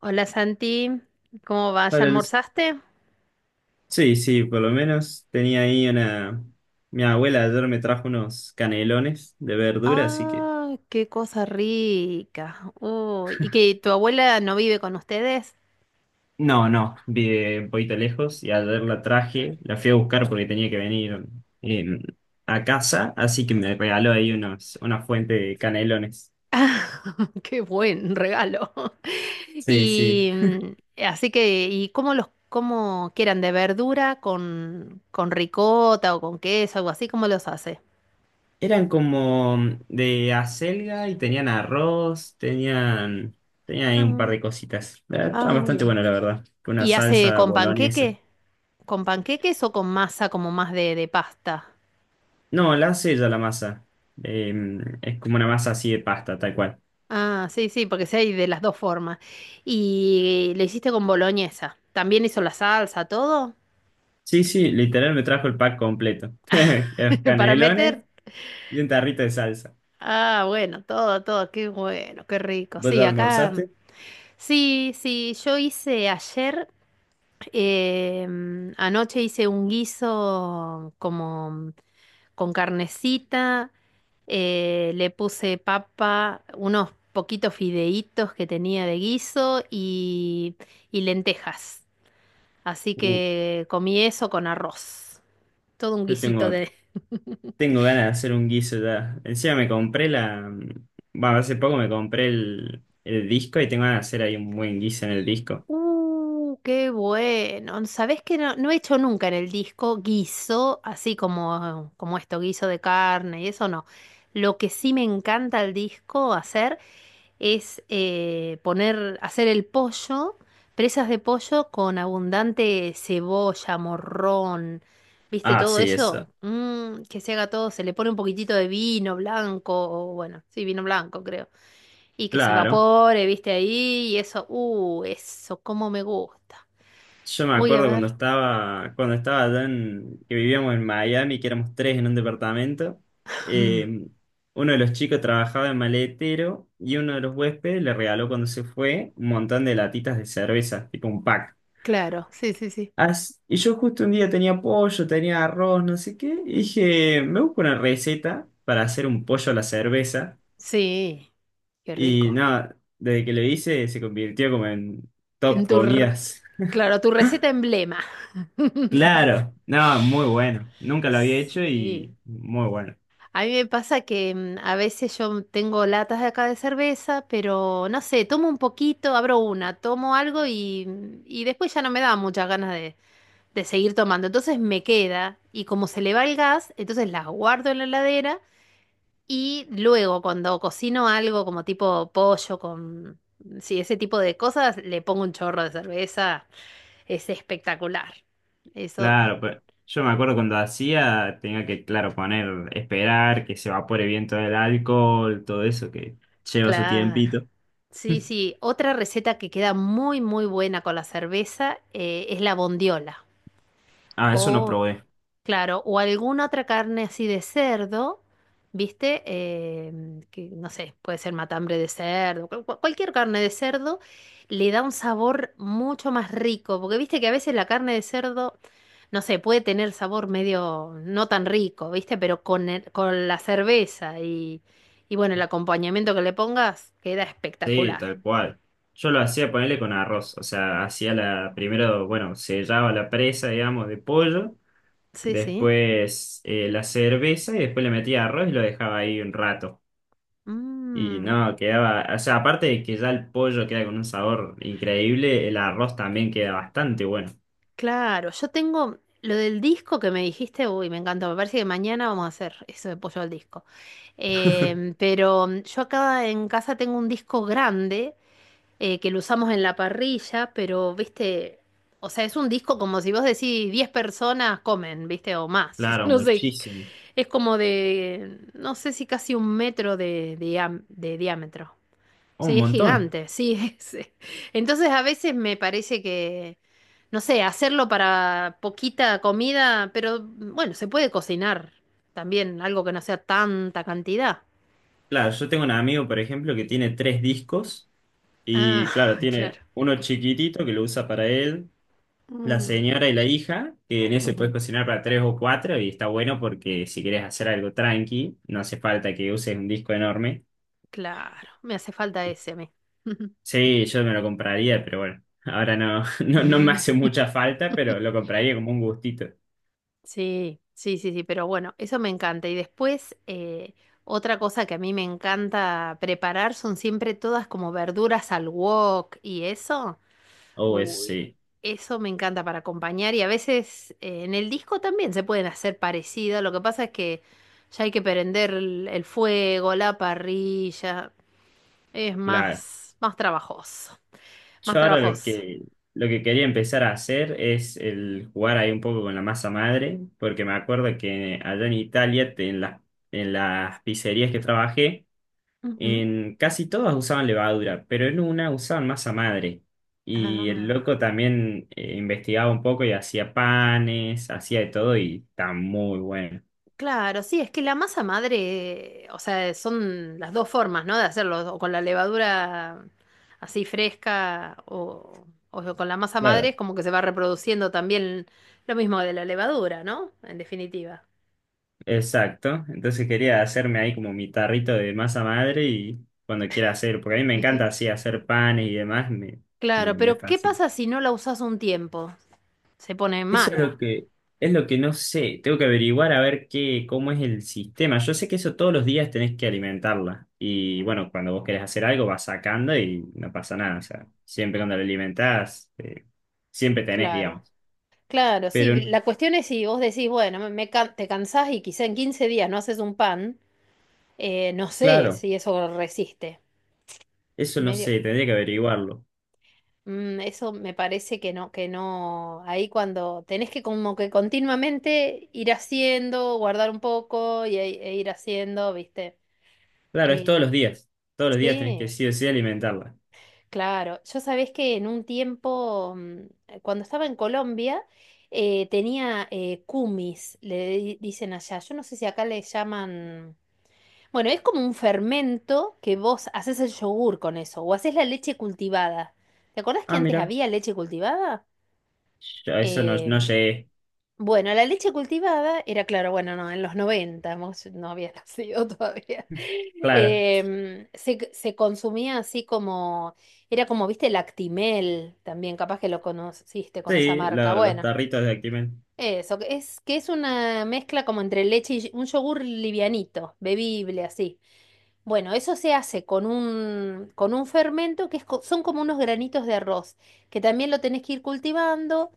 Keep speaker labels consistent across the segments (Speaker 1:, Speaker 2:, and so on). Speaker 1: Hola Santi, ¿cómo vas? ¿Ya
Speaker 2: Para los-
Speaker 1: almorzaste?
Speaker 2: Sí, sí, por lo menos tenía ahí una... Mi abuela ayer me trajo unos canelones de verdura, así que...
Speaker 1: Ah, qué cosa rica. Uy, ¿y que tu abuela no vive con ustedes?
Speaker 2: No, no, vi de un poquito lejos y ayer la traje, la fui a buscar porque tenía que venir eh, a casa, así que me regaló ahí unos, una fuente de canelones.
Speaker 1: Qué buen regalo.
Speaker 2: Sí, sí.
Speaker 1: Y así que, ¿y cómo quieran de verdura con ricota o con queso, algo así? ¿Cómo los hace?
Speaker 2: Eran como de acelga y tenían arroz, tenían, tenían ahí un par
Speaker 1: Ah,
Speaker 2: de cositas. Estaba
Speaker 1: ah,
Speaker 2: bastante
Speaker 1: bien.
Speaker 2: bueno, la verdad, con una
Speaker 1: ¿Y hace
Speaker 2: salsa
Speaker 1: con
Speaker 2: boloñesa.
Speaker 1: panqueque? ¿Con panqueques o con masa como más de pasta?
Speaker 2: No, la hace ella la masa. Eh, es como una masa así de pasta, tal cual.
Speaker 1: Ah, sí, sí, porque sí hay de las dos formas. Y lo hiciste con boloñesa. ¿También hizo la salsa, todo?
Speaker 2: Sí, sí, literal me trajo el pack completo. Los
Speaker 1: ¿Para
Speaker 2: canelones
Speaker 1: meter?
Speaker 2: y un tarrito de salsa.
Speaker 1: Ah, bueno, todo, todo. Qué bueno, qué rico.
Speaker 2: ¿Vos
Speaker 1: Sí,
Speaker 2: ya
Speaker 1: acá. Mm.
Speaker 2: almorzaste?
Speaker 1: Sí, sí, yo hice ayer, anoche hice un guiso como con carnecita. Le puse papa, unos poquitos fideitos que tenía de guiso y lentejas. Así
Speaker 2: Uh,
Speaker 1: que comí eso con arroz. Todo un
Speaker 2: yo
Speaker 1: guisito
Speaker 2: tengo,
Speaker 1: de.
Speaker 2: tengo ganas de hacer un guiso ya. Encima me compré la... Bueno, hace poco me compré el disco y tengo ganas de hacer ahí un buen guiso en el disco.
Speaker 1: ¡ Qué bueno! ¿Sabés que no he hecho nunca en el disco guiso, así como esto, guiso de carne y eso no. Lo que sí me encanta al disco hacer es hacer el pollo, presas de pollo con abundante cebolla, morrón, ¿viste
Speaker 2: Ah,
Speaker 1: todo
Speaker 2: sí,
Speaker 1: eso?
Speaker 2: eso.
Speaker 1: Que se haga todo, se le pone un poquitito de vino blanco, o bueno, sí, vino blanco creo. Y que se
Speaker 2: Claro.
Speaker 1: evapore, viste ahí, y eso, eso, cómo me gusta.
Speaker 2: Yo me
Speaker 1: Voy a
Speaker 2: acuerdo
Speaker 1: ver,
Speaker 2: cuando estaba allá en, que vivíamos en Miami, que éramos tres en un departamento, eh, uno de los chicos trabajaba en maletero y uno de los huéspedes le regaló cuando se fue un montón de latitas de cerveza, tipo un pack.
Speaker 1: claro, sí, sí, sí.
Speaker 2: As- y yo justo un día tenía pollo, tenía arroz, no sé qué, y dije, me busco una receta para hacer un pollo a la cerveza.
Speaker 1: Sí, qué
Speaker 2: Y
Speaker 1: rico.
Speaker 2: nada, desde que lo hice se convirtió como en
Speaker 1: En
Speaker 2: top
Speaker 1: tu, r-
Speaker 2: comidas.
Speaker 1: claro, tu receta emblema.
Speaker 2: Claro, no, muy bueno. Nunca lo había hecho y
Speaker 1: Sí.
Speaker 2: muy bueno.
Speaker 1: A mí me pasa que a veces yo tengo latas de acá de cerveza, pero no sé, tomo un poquito, abro una, tomo algo y después ya no me da muchas ganas de seguir tomando. Entonces me queda y como se le va el gas, entonces las guardo en la heladera. Y luego, cuando cocino algo como tipo pollo con, sí, ese tipo de cosas, le pongo un chorro de cerveza. Es espectacular. Eso,
Speaker 2: Claro, pues yo me acuerdo cuando hacía, tenía que, claro, poner, esperar que se evapore bien todo el alcohol, todo eso que lleva su
Speaker 1: claro.
Speaker 2: tiempito.
Speaker 1: Sí, sí. Otra receta que queda muy, muy buena con la cerveza, es la bondiola.
Speaker 2: Ah, eso no
Speaker 1: O,
Speaker 2: probé.
Speaker 1: claro, o alguna otra carne así de cerdo, ¿viste? Que no sé, puede ser matambre de cerdo, cualquier carne de cerdo le da un sabor mucho más rico, porque viste que a veces la carne de cerdo, no sé, puede tener sabor medio no tan rico, ¿viste? Pero con la cerveza y bueno, el acompañamiento que le pongas queda
Speaker 2: Sí,
Speaker 1: espectacular.
Speaker 2: tal cual. Yo lo hacía ponerle con arroz. O sea, hacía la, primero, bueno, sellaba la presa, digamos, de pollo,
Speaker 1: Sí, sí.
Speaker 2: después la cerveza y después le metía arroz y lo dejaba ahí un rato. Y
Speaker 1: Mm.
Speaker 2: no, quedaba, o sea, aparte de que ya el pollo queda con un sabor increíble, el arroz también queda bastante bueno.
Speaker 1: Claro, yo tengo lo del disco que me dijiste, uy, me encantó, me parece que mañana vamos a hacer eso de pollo al disco. Pero yo acá en casa tengo un disco grande que lo usamos en la parrilla, pero, viste, o sea, es un disco como si vos decís 10 personas comen, viste, o más,
Speaker 2: Claro,
Speaker 1: no sé,
Speaker 2: muchísimo.
Speaker 1: es como de, no sé si casi 1 metro de diámetro.
Speaker 2: Oh, un
Speaker 1: Sí, es
Speaker 2: montón.
Speaker 1: gigante, sí. es- Entonces a veces me parece que, no sé, hacerlo para poquita comida, pero bueno, se puede cocinar también, algo que no sea tanta cantidad.
Speaker 2: Claro, yo tengo un amigo, por ejemplo, que tiene tres discos
Speaker 1: Ah,
Speaker 2: y claro,
Speaker 1: claro.
Speaker 2: tiene uno chiquitito que lo usa para él, la
Speaker 1: Mm.
Speaker 2: señora y la hija, que en ese puedes
Speaker 1: Ujú.
Speaker 2: cocinar para tres o cuatro y está bueno porque si quieres hacer algo tranqui, no hace falta que uses un disco enorme.
Speaker 1: Claro, me hace falta ese a mí.
Speaker 2: Sí, yo me lo compraría, pero bueno, ahora no, no, no me hace mucha falta, pero lo compraría como un gustito.
Speaker 1: Sí, sí, sí, sí, pero bueno, eso me encanta. Y después, otra cosa que a mí me encanta preparar son siempre todas como verduras al wok y eso.
Speaker 2: Oh, eso
Speaker 1: Uy,
Speaker 2: sí,
Speaker 1: eso me encanta para acompañar y a veces en el disco también se pueden hacer parecidas. Lo que pasa es que ya hay que prender el fuego, la parrilla. Es
Speaker 2: claro.
Speaker 1: más, más trabajoso. Más
Speaker 2: Yo ahora
Speaker 1: trabajoso.
Speaker 2: lo que quería empezar a hacer es el jugar ahí un poco con la masa madre, porque me acuerdo que allá en Italia, te- en las pizzerías que trabajé,
Speaker 1: Ujú.
Speaker 2: en casi todas usaban levadura, pero en una usaban masa madre. Y el loco
Speaker 1: Ah.
Speaker 2: también investigaba un poco y hacía panes, hacía de todo y está muy bueno.
Speaker 1: Claro, sí, es que la masa madre, o sea, son las dos formas, ¿no? De hacerlo, o con la levadura así fresca o con la masa madre, es como que se va reproduciendo también lo mismo de la levadura, ¿no? En definitiva.
Speaker 2: Exacto, entonces quería hacerme ahí como mi tarrito de masa madre y cuando quiera hacer, porque a mí me encanta así hacer panes y demás,
Speaker 1: Claro,
Speaker 2: me
Speaker 1: pero ¿qué
Speaker 2: fascina.
Speaker 1: pasa si no la usas un tiempo? Se pone
Speaker 2: Eso es lo
Speaker 1: mala.
Speaker 2: que, Es lo que no sé, tengo que averiguar a ver qué, cómo es el sistema. Yo sé que eso todos los días tenés que alimentarla y bueno, cuando vos querés hacer algo vas sacando y no pasa nada, o sea, siempre cuando la alimentás, siempre tenés,
Speaker 1: Claro,
Speaker 2: digamos.
Speaker 1: claro,
Speaker 2: Pero
Speaker 1: sí. La cuestión es si vos decís, bueno, te cansás y quizá en 15 días no haces un pan, no sé
Speaker 2: claro,
Speaker 1: si eso resiste.
Speaker 2: eso no
Speaker 1: Medio.
Speaker 2: sé, tendría que averiguarlo.
Speaker 1: Eso me parece que no, que no. Ahí cuando tenés que como que continuamente ir haciendo, guardar un poco y, e ir haciendo, ¿viste?
Speaker 2: Claro, es
Speaker 1: Eh,
Speaker 2: todos los días tenés que
Speaker 1: sí,
Speaker 2: sí o sí alimentarla.
Speaker 1: claro. Yo sabés que en un tiempo, cuando estaba en Colombia, tenía cumis, dicen allá. Yo no sé si acá le llaman. Bueno, es como un fermento que vos haces el yogur con eso, o haces la leche cultivada. ¿Te acordás que
Speaker 2: Ah,
Speaker 1: antes
Speaker 2: mira,
Speaker 1: había leche cultivada?
Speaker 2: yo a eso no, no
Speaker 1: Em,
Speaker 2: llegué.
Speaker 1: Bueno, la leche cultivada era, claro, bueno, no, en los 90 vos no había nacido todavía.
Speaker 2: Claro,
Speaker 1: Se consumía así como, era como, viste, lactimel, también capaz que lo conociste con esa
Speaker 2: sí,
Speaker 1: marca.
Speaker 2: lo- los
Speaker 1: Bueno,
Speaker 2: tarritos de Actimel.
Speaker 1: eso, que es una mezcla como entre leche y un yogur livianito, bebible, así. Bueno, eso se hace con un, fermento que son como unos granitos de arroz, que también lo tenés que ir cultivando,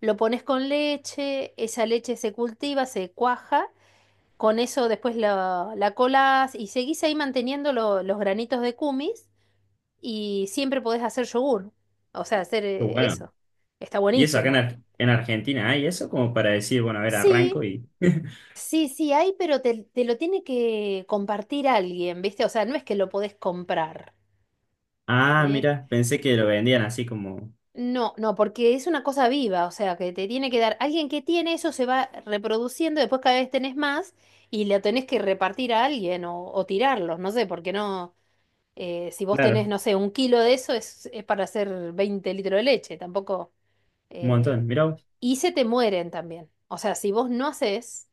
Speaker 1: lo pones con leche, esa leche se cultiva, se cuaja, con eso después la colás y seguís ahí manteniendo los granitos de kumis y siempre podés hacer yogur, o sea, hacer
Speaker 2: Qué bueno,
Speaker 1: eso. Está
Speaker 2: y eso acá en,
Speaker 1: buenísimo.
Speaker 2: Ar- en Argentina hay eso como para decir, bueno, a ver, arranco
Speaker 1: Sí,
Speaker 2: y...
Speaker 1: sí, sí, hay, pero te lo tiene que compartir alguien, ¿viste? O sea, no es que lo podés comprar.
Speaker 2: Ah,
Speaker 1: ¿Sí?
Speaker 2: mira, pensé que lo vendían así como...
Speaker 1: No, no, porque es una cosa viva, o sea, que te tiene que dar, alguien que tiene eso se va reproduciendo, después cada vez tenés más y la tenés que repartir a alguien o tirarlos, no sé, porque no, si vos tenés,
Speaker 2: Claro,
Speaker 1: no sé, 1 kilo de eso es para hacer 20 litros de leche, tampoco,
Speaker 2: un
Speaker 1: eh,
Speaker 2: montón. Mirá, vos,
Speaker 1: y se te mueren también, o sea, si vos no haces,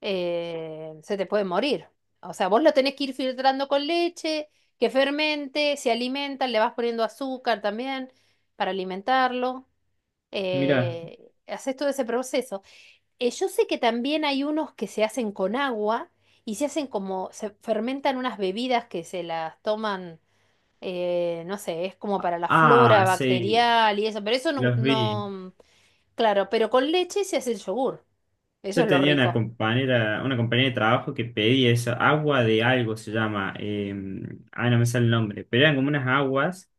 Speaker 1: se te puede morir, o sea, vos lo tenés que ir filtrando con leche, que fermente, se alimenta, le vas poniendo azúcar también para alimentarlo
Speaker 2: mirá.
Speaker 1: haces todo ese proceso. Yo sé que también hay unos que se hacen con agua y se hacen como, se fermentan unas bebidas que se las toman, no sé, es como para la flora
Speaker 2: Ah, sí,
Speaker 1: bacterial y eso, pero eso no,
Speaker 2: los vi.
Speaker 1: no, claro, pero con leche se hace el yogur. Eso
Speaker 2: Yo
Speaker 1: es lo
Speaker 2: tenía
Speaker 1: rico.
Speaker 2: una compañera de trabajo que pedía eso, agua de algo se llama. Ah, no me sale el nombre, pero eran como unas aguas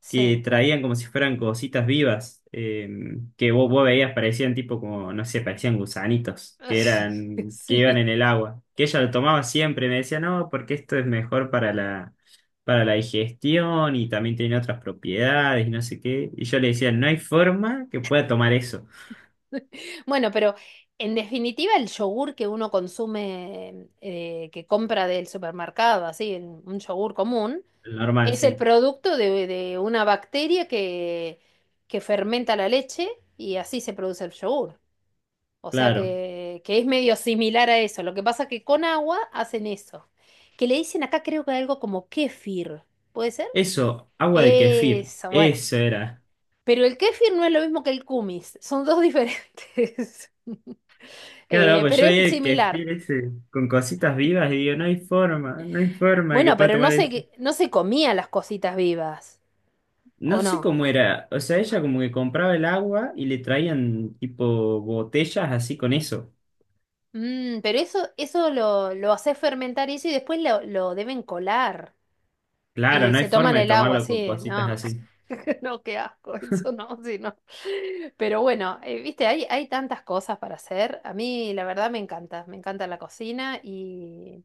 Speaker 1: Sí.
Speaker 2: que traían como si fueran cositas vivas, que vos veías, parecían tipo como, no sé, parecían gusanitos, que eran, que iban
Speaker 1: Sí.
Speaker 2: en el agua. Que ella lo tomaba siempre, me decía, no, porque esto es mejor para la digestión y también tiene otras propiedades y no sé qué. Y yo le decía, no hay forma que pueda tomar eso.
Speaker 1: Bueno, pero en definitiva el yogur que uno consume, que compra del supermercado, así, en un yogur común.
Speaker 2: El normal,
Speaker 1: Es el
Speaker 2: sí.
Speaker 1: producto de una bacteria que fermenta la leche y así se produce el yogur. O sea
Speaker 2: Claro.
Speaker 1: que es medio similar a eso. Lo que pasa es que con agua hacen eso. Que le dicen acá creo que algo como kéfir. ¿Puede ser?
Speaker 2: Eso, agua de kefir.
Speaker 1: Eso, bueno.
Speaker 2: Eso era.
Speaker 1: Pero el kéfir no es lo mismo que el kumis. Son dos diferentes.
Speaker 2: Claro,
Speaker 1: Eh,
Speaker 2: pues
Speaker 1: pero
Speaker 2: yo vi
Speaker 1: es
Speaker 2: el
Speaker 1: similar.
Speaker 2: kefir ese con cositas vivas y digo, no hay forma, no hay forma de que
Speaker 1: Bueno,
Speaker 2: pueda
Speaker 1: pero no
Speaker 2: tomar eso.
Speaker 1: se, no se comían las cositas vivas.
Speaker 2: No
Speaker 1: ¿O
Speaker 2: sé
Speaker 1: no?
Speaker 2: cómo era, o sea, ella como que compraba el agua y le traían tipo botellas así con eso.
Speaker 1: Pero eso, lo hace fermentar eso y después lo deben colar.
Speaker 2: Claro,
Speaker 1: Y
Speaker 2: no hay
Speaker 1: se toman
Speaker 2: forma de
Speaker 1: el agua,
Speaker 2: tomarlo con
Speaker 1: sí,
Speaker 2: cositas
Speaker 1: no.
Speaker 2: así.
Speaker 1: No, qué asco, eso no, sí, no. Pero bueno, viste, hay tantas cosas para hacer. A mí, la verdad, me encanta la cocina y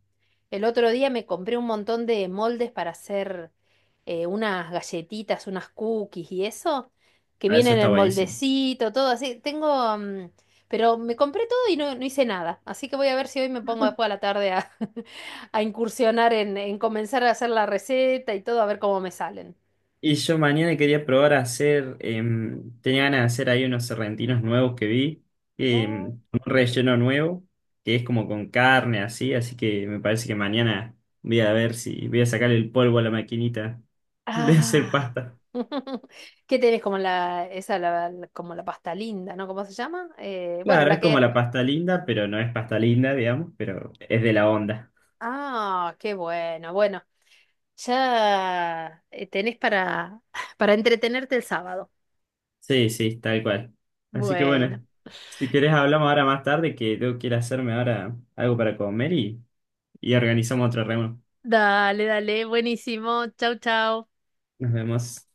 Speaker 1: el otro día me compré un montón de moldes para hacer unas galletitas, unas cookies y eso, que
Speaker 2: Ah, eso
Speaker 1: vienen
Speaker 2: está
Speaker 1: en
Speaker 2: buenísimo.
Speaker 1: moldecito, todo así. Tengo, pero me compré todo y no, no hice nada. Así que voy a ver si hoy me pongo después a la tarde a, a incursionar en, comenzar a hacer la receta y todo, a ver cómo me salen.
Speaker 2: Y yo mañana quería probar a hacer, tenía ganas de hacer ahí unos serrentinos nuevos que vi,
Speaker 1: Oh,
Speaker 2: con un
Speaker 1: qué
Speaker 2: relleno
Speaker 1: rico.
Speaker 2: nuevo, que es como con carne así, así que me parece que mañana voy a ver si voy a sacar el polvo a la maquinita de hacer
Speaker 1: Ah,
Speaker 2: pasta.
Speaker 1: ¿qué tenés como la, esa, como la pasta linda, ¿no? ¿Cómo se llama? Bueno,
Speaker 2: Claro,
Speaker 1: la
Speaker 2: es como
Speaker 1: que.
Speaker 2: la pasta linda, pero no es pasta linda, digamos, pero es de la onda.
Speaker 1: Ah, qué bueno, bueno, ya tenés para, para entretenerte el sábado.
Speaker 2: Sí, sí, tal cual. Así que
Speaker 1: Bueno,
Speaker 2: bueno, si querés hablamos ahora más tarde, que yo quiero hacerme ahora algo para comer y organizamos otra reunión.
Speaker 1: dale, dale, buenísimo, chau, chau.
Speaker 2: Nos vemos.